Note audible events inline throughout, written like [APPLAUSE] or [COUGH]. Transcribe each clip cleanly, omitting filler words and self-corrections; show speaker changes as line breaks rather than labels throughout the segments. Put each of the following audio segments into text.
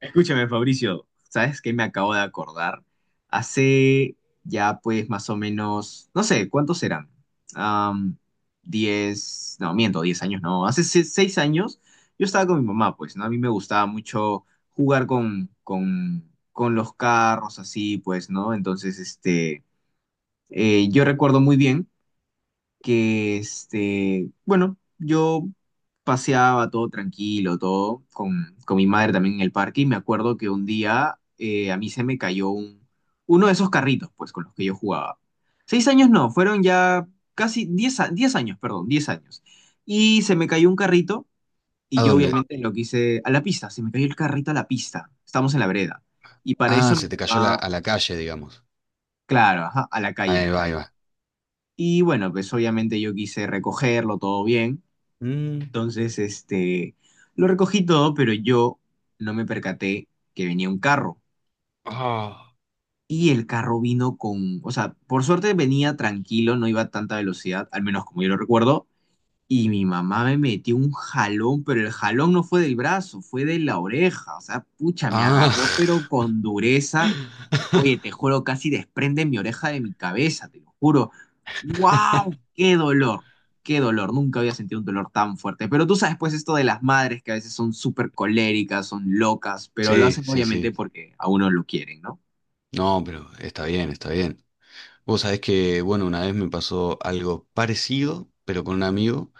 Escúchame, Fabricio, ¿sabes qué me acabo de acordar? Hace ya pues más o menos, no sé, ¿cuántos serán? Am, 10, no, miento, 10 años, no, hace 6 años yo estaba con mi mamá, pues, ¿no? A mí me gustaba mucho jugar con los carros, así, pues, ¿no? Entonces, este, yo recuerdo muy bien que, este, bueno, yo paseaba todo tranquilo, todo, con mi madre también en el parque, y me acuerdo que un día a mí se me cayó uno de esos carritos, pues, con los que yo jugaba. 6 años no, fueron ya casi 10, 10 años, perdón, 10 años. Y se me cayó un carrito,
¿A
y yo
dónde?
obviamente lo quise a la pista, se me cayó el carrito a la pista, estamos en la vereda. Y para
Ah,
eso
se
mi
te cayó
mamá,
a la calle, digamos.
claro, ajá, a la calle, a
Ahí
la
va, ahí
calle.
va.
Y bueno, pues obviamente yo quise recogerlo todo bien.
Mm.
Entonces, este, lo recogí todo, pero yo no me percaté que venía un carro.
Ah.
Y el carro vino con, o sea, por suerte venía tranquilo, no iba a tanta velocidad, al menos como yo lo recuerdo. Y mi mamá me metió un jalón, pero el jalón no fue del brazo, fue de la oreja. O sea, pucha, me
Ah.
agarró, pero con dureza.
[LAUGHS]
Oye, te juro, casi desprenden mi oreja de mi cabeza, te lo juro. ¡Wow! ¡Qué dolor! ¡Qué dolor! Nunca había sentido un dolor tan fuerte. Pero tú sabes, pues, esto de las madres que a veces son súper coléricas, son locas, pero lo
Sí,
hacen
sí,
obviamente
sí.
porque a uno lo quieren, ¿no?
No, pero está bien, está bien. Vos sabés que, bueno, una vez me pasó algo parecido, pero con un amigo.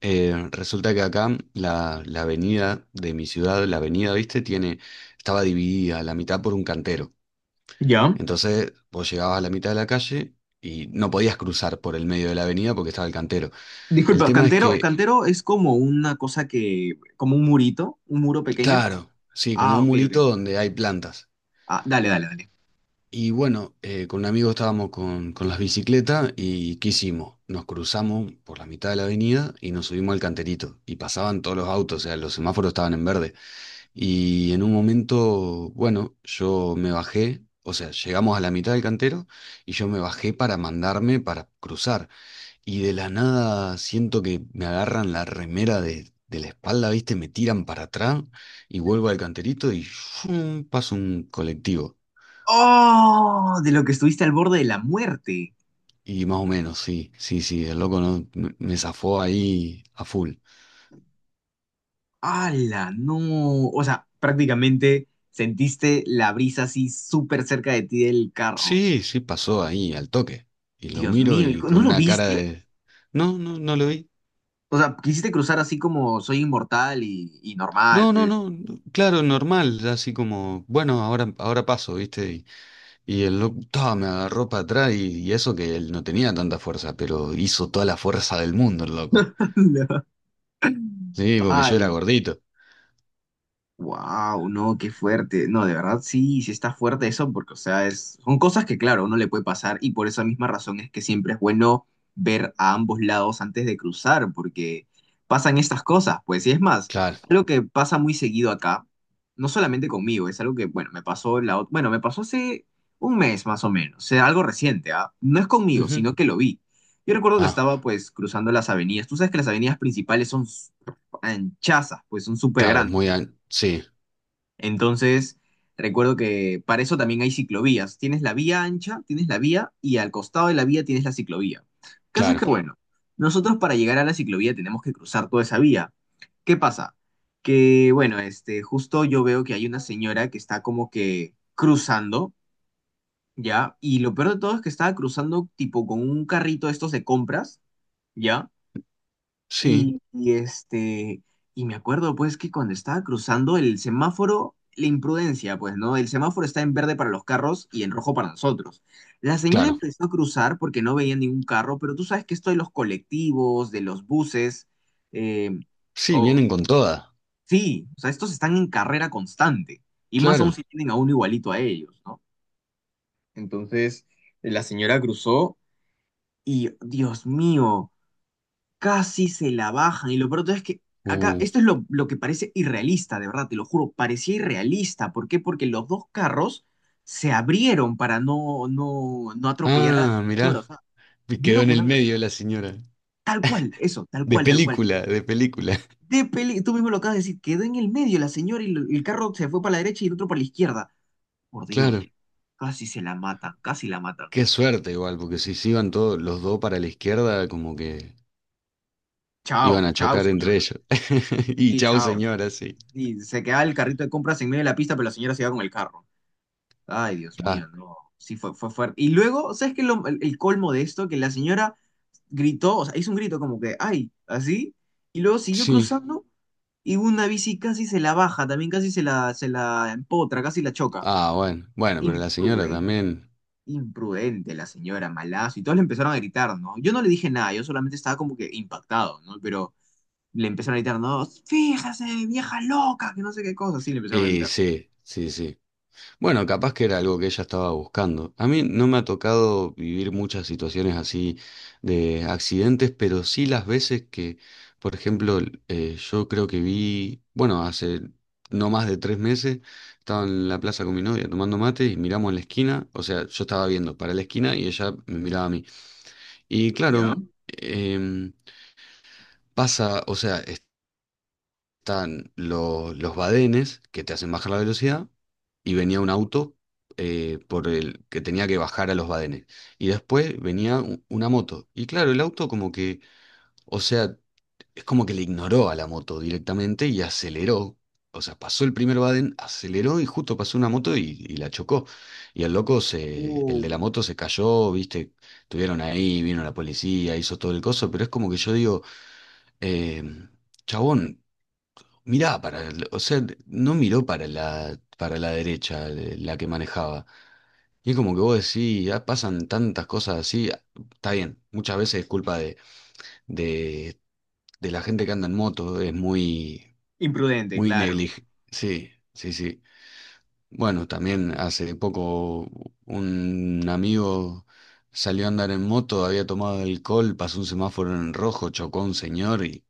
Resulta que acá la avenida de mi ciudad, la avenida, viste, tiene, estaba dividida a la mitad por un cantero.
¿Ya?
Entonces, vos llegabas a la mitad de la calle y no podías cruzar por el medio de la avenida porque estaba el cantero. El
Disculpa,
tema es
cantero,
que
cantero es como una cosa que, como un murito, un muro pequeño.
claro, sí, como
Ah,
un
ok, ok.
murito donde hay plantas.
Ah, dale, dale, dale.
Y bueno, con un amigo estábamos con las bicicletas y ¿qué hicimos? Nos cruzamos por la mitad de la avenida y nos subimos al canterito. Y pasaban todos los autos, o sea, los semáforos estaban en verde. Y en un momento, bueno, yo me bajé, o sea, llegamos a la mitad del cantero y yo me bajé para mandarme para cruzar. Y de la nada siento que me agarran la remera de la espalda, ¿viste? Me tiran para atrás y vuelvo al canterito y ¡fum! Paso un colectivo.
¡Oh! De lo que estuviste al borde de la muerte.
Y más o menos, sí, sí, sí, el loco no, me zafó ahí a full.
¡Hala! No. O sea, prácticamente sentiste la brisa así súper cerca de ti del carro.
Sí, sí, pasó ahí al toque. Y lo
Dios
miro
mío, ¿y
y
co- ¿no
con
lo
una cara
viste?
de... No, no, no lo vi.
O sea, quisiste cruzar así como soy inmortal y normal,
No, no,
pues.
no, no, claro, normal, así como, bueno, ahora, ahora paso, ¿viste? Y el loco ta, me agarró para atrás y eso que él no tenía tanta fuerza, pero hizo toda la fuerza del mundo el loco.
[LAUGHS]
Sí, porque yo era
¡Hala!
gordito.
Wow, no, qué fuerte. No, de verdad sí, sí está fuerte eso, porque, o sea, es, son cosas que, claro, uno le puede pasar y por esa misma razón es que siempre es bueno ver a ambos lados antes de cruzar, porque pasan estas cosas, pues, y es más,
Claro.
algo que pasa muy seguido acá, no solamente conmigo, es algo que, bueno, me pasó la, bueno, me pasó hace un mes más o menos, o sea, algo reciente, ¿ah? No es conmigo,
Ujú.
sino que lo vi. Yo recuerdo que
Ah,
estaba, pues, cruzando las avenidas. Tú sabes que las avenidas principales son anchazas, pues, son súper grandes.
Sí,
Entonces, recuerdo que para eso también hay ciclovías. Tienes la vía ancha, tienes la vía y al costado de la vía tienes la ciclovía. El caso es que, sí,
claro.
bueno, nosotros para llegar a la ciclovía tenemos que cruzar toda esa vía. ¿Qué pasa? Que, bueno, este, justo yo veo que hay una señora que está como que cruzando, ¿ya? Y lo peor de todo es que estaba cruzando tipo con un carrito de estos de compras, ¿ya?
Sí,
Y, este, y me acuerdo pues que cuando estaba cruzando el semáforo, la imprudencia, pues, ¿no? El semáforo está en verde para los carros y en rojo para nosotros. La señora
claro.
empezó a cruzar porque no veía ningún carro, pero tú sabes que esto de los colectivos, de los buses, eh,
Sí,
o,
vienen con toda.
sí, o sea, estos están en carrera constante, y más aún
Claro.
si tienen a uno igualito a ellos, ¿no? Entonces, la señora cruzó y, Dios mío, casi se la bajan. Y lo peor de todo es que acá,
Uh.
esto es lo que parece irrealista, de verdad, te lo juro, parecía irrealista. ¿Por qué? Porque los dos carros se abrieron para no atropellar a la
Ah,
señora. O
mirá.
sea,
Y quedó
vino
en
con
el
una
medio
velocidad.
la señora.
Tal cual, eso, tal
De
cual, tal cual.
película, de película. [LAUGHS]
De peli, tú mismo lo acabas de decir, quedó en el medio la señora y lo- el carro se fue para la derecha y el otro para la izquierda. Por Dios,
Claro.
casi se la matan, casi la matan.
Qué suerte igual, porque si se iban todos los dos para la izquierda, como que iban
Chao,
a
chao,
chocar entre
señora.
ellos. [LAUGHS] Y
Sí,
chau
chao.
señora, sí.
Y se queda el carrito de compras en medio de la pista, pero la señora se va con el carro. Ay, Dios
Claro.
mío, no. Sí, fue fuerte. Y luego, ¿sabes qué? Es el colmo de esto, que la señora gritó, o sea, hizo un grito como que, ay, así, y luego siguió
Sí.
cruzando y una bici casi se la baja, también casi se la empotra, casi la choca.
Ah, bueno, bueno, pero la señora
Imprudente,
también.
imprudente la señora, malazo. Y todos le empezaron a gritar, ¿no? Yo no le dije nada, yo solamente estaba como que impactado, ¿no? Pero le empezaron a gritar, no, fíjese, vieja loca, que no sé qué cosa, sí, le empezaron a
Y
gritar,
sí, sí, sí. Bueno, capaz que era algo que ella estaba buscando. A mí no me ha tocado vivir muchas situaciones así de accidentes, pero sí las veces que, por ejemplo, yo creo que vi, bueno, hace no más de tres meses, estaba en la plaza con mi novia tomando mate y miramos en la esquina, o sea, yo estaba viendo para la esquina y ella me miraba a mí. Y claro,
¿ya?
em, pasa, o sea, están los badenes que te hacen bajar la velocidad y venía un auto por el que tenía que bajar a los badenes. Y después venía una moto. Y claro, el auto como que, o sea, es como que le ignoró a la moto directamente y aceleró. O sea, pasó el primer baden, aceleró y justo pasó una moto y la chocó. Y el loco se, el
Uh,
de la moto se cayó, viste, estuvieron ahí, vino la policía, hizo todo el coso, pero es como que yo digo, eh, chabón, mirá, para, o sea, no miró para para la derecha la que manejaba. Y es como que vos decís, ya pasan tantas cosas así. Está bien, muchas veces es culpa de, de la gente que anda en moto, es muy,
Imprudente,
muy
claro.
negligente. Sí, sí, sí. Bueno, también hace poco un amigo salió a andar en moto, había tomado alcohol, pasó un semáforo en rojo, chocó a un señor y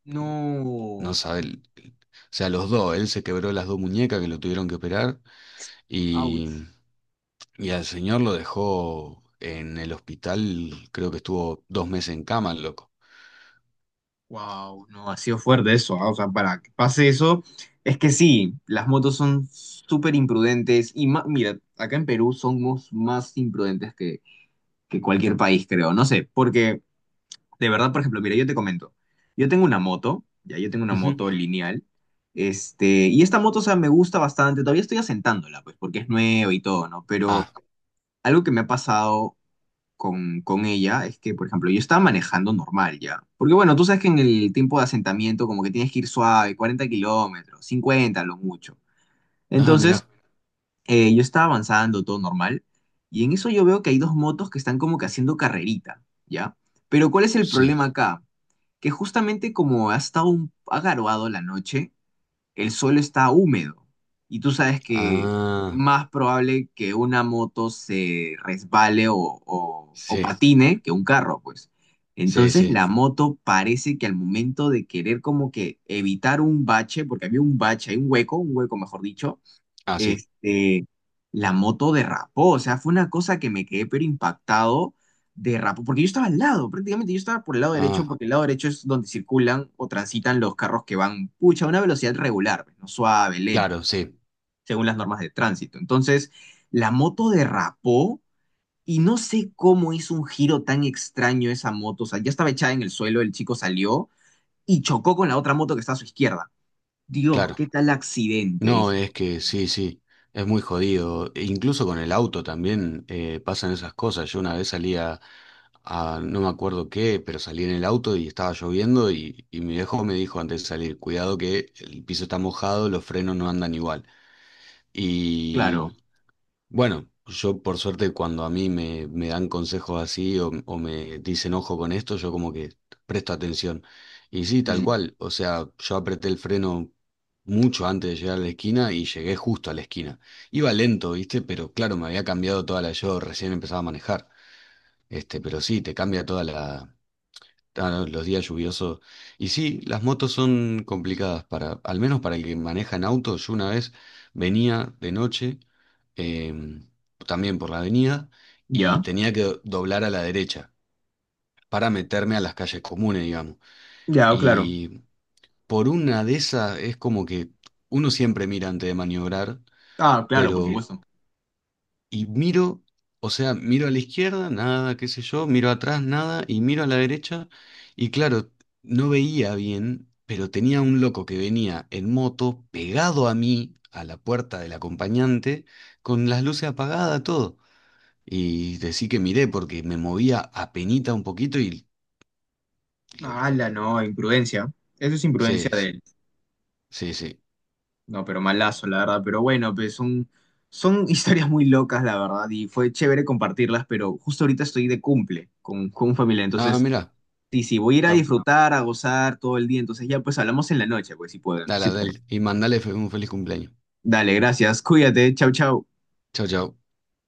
no
No,
sabe, o sea, los dos, él se quebró las dos muñecas que lo tuvieron que operar. Y,
Ouch.
y al señor lo dejó en el hospital, creo que estuvo dos meses en cama, el loco.
Wow, no, ha sido fuerte eso, o sea, para que pase eso, es que sí, las motos son súper imprudentes y mira, acá en Perú somos más imprudentes que cualquier país, creo, no sé, porque de verdad, por ejemplo, mira, yo te comento, yo tengo una moto, ya yo tengo una
Ujú.
moto lineal, este, y esta moto, o sea, me gusta bastante, todavía estoy asentándola, pues, porque es nueva y todo, ¿no? Pero
Ah,
algo que me ha pasado con ella es que, por ejemplo, yo estaba manejando normal ya. Porque bueno, tú sabes que en el tiempo de asentamiento como que tienes que ir suave, 40 kilómetros, 50 lo mucho.
mira,
Entonces, yo estaba avanzando todo normal y en eso yo veo que hay dos motos que están como que haciendo carrerita, ¿ya? Pero ¿cuál es el
sí.
problema acá? Que justamente como ha estado ha garoado la noche, el suelo está húmedo y tú sabes que
Ah,
más probable que una moto se resbale o
sí,
patine que un carro, pues.
sí,
Entonces
sí.
la moto parece que al momento de querer como que evitar un bache, porque había un bache, hay un hueco mejor dicho,
Ah, sí.
este, la moto derrapó, o sea, fue una cosa que me quedé pero impactado, derrapó, porque yo estaba al lado, prácticamente yo estaba por el lado derecho,
Ah,
porque el lado derecho es donde circulan o transitan los carros que van, pucha, a una velocidad regular, pues, no suave, lento,
claro, sí,
según las normas de tránsito. Entonces, la moto derrapó. Y no sé cómo hizo un giro tan extraño esa moto. O sea, ya estaba echada en el suelo, el chico salió y chocó con la otra moto que está a su izquierda. Dios,
claro.
qué tal accidente,
No,
dije.
es que sí, sí, es muy jodido. E incluso con el auto también pasan esas cosas. Yo una vez salía a no me acuerdo qué, pero salí en el auto y estaba lloviendo y mi viejo me dijo antes de salir, cuidado que el piso está mojado, los frenos no andan igual. Y
Claro.
bueno, yo por suerte cuando a mí me dan consejos así o me dicen ojo con esto, yo como que presto atención. Y sí, tal
Mm,
cual, o sea, yo apreté el freno mucho antes de llegar a la esquina y llegué justo a la esquina. Iba lento, ¿viste? Pero claro, me había cambiado toda la... Yo recién empezaba a manejar. Este, pero sí, te cambia toda la, ah, no, los días lluviosos. Y sí, las motos son complicadas para, al menos para el que maneja en auto. Yo una vez venía de noche, em, también por la avenida, y
¿ya?
tenía que doblar a la derecha para meterme a las calles comunes, digamos.
Ya, claro.
Y por una de esas es como que uno siempre mira antes de maniobrar,
Ah, claro, por, sí,
pero
supuesto.
y miro, o sea, miro a la izquierda, nada, qué sé yo, miro atrás, nada, y miro a la derecha, y claro, no veía bien, pero tenía un loco que venía en moto pegado a mí, a la puerta del acompañante, con las luces apagadas, todo. Y decí que miré porque me movía apenita un poquito y... lo-
La
la-
no, imprudencia. Eso es imprudencia
sí,
de
sí,
él.
sí. Sí.
No, pero malazo, la verdad. Pero bueno, pues son [LAUGHS] historias muy locas, la verdad. Y fue chévere compartirlas, pero justo ahorita estoy de cumple con familia.
Ah,
Entonces,
mira.
sí, sí, voy a ir a
Bueno,
disfrutar, a gozar todo el día. Entonces ya, pues hablamos en la noche, pues si pueden,
dale,
si pueden.
dale, y mandale un feliz cumpleaños.
Dale, gracias. Cuídate. Chau, chau.
Chao, chao.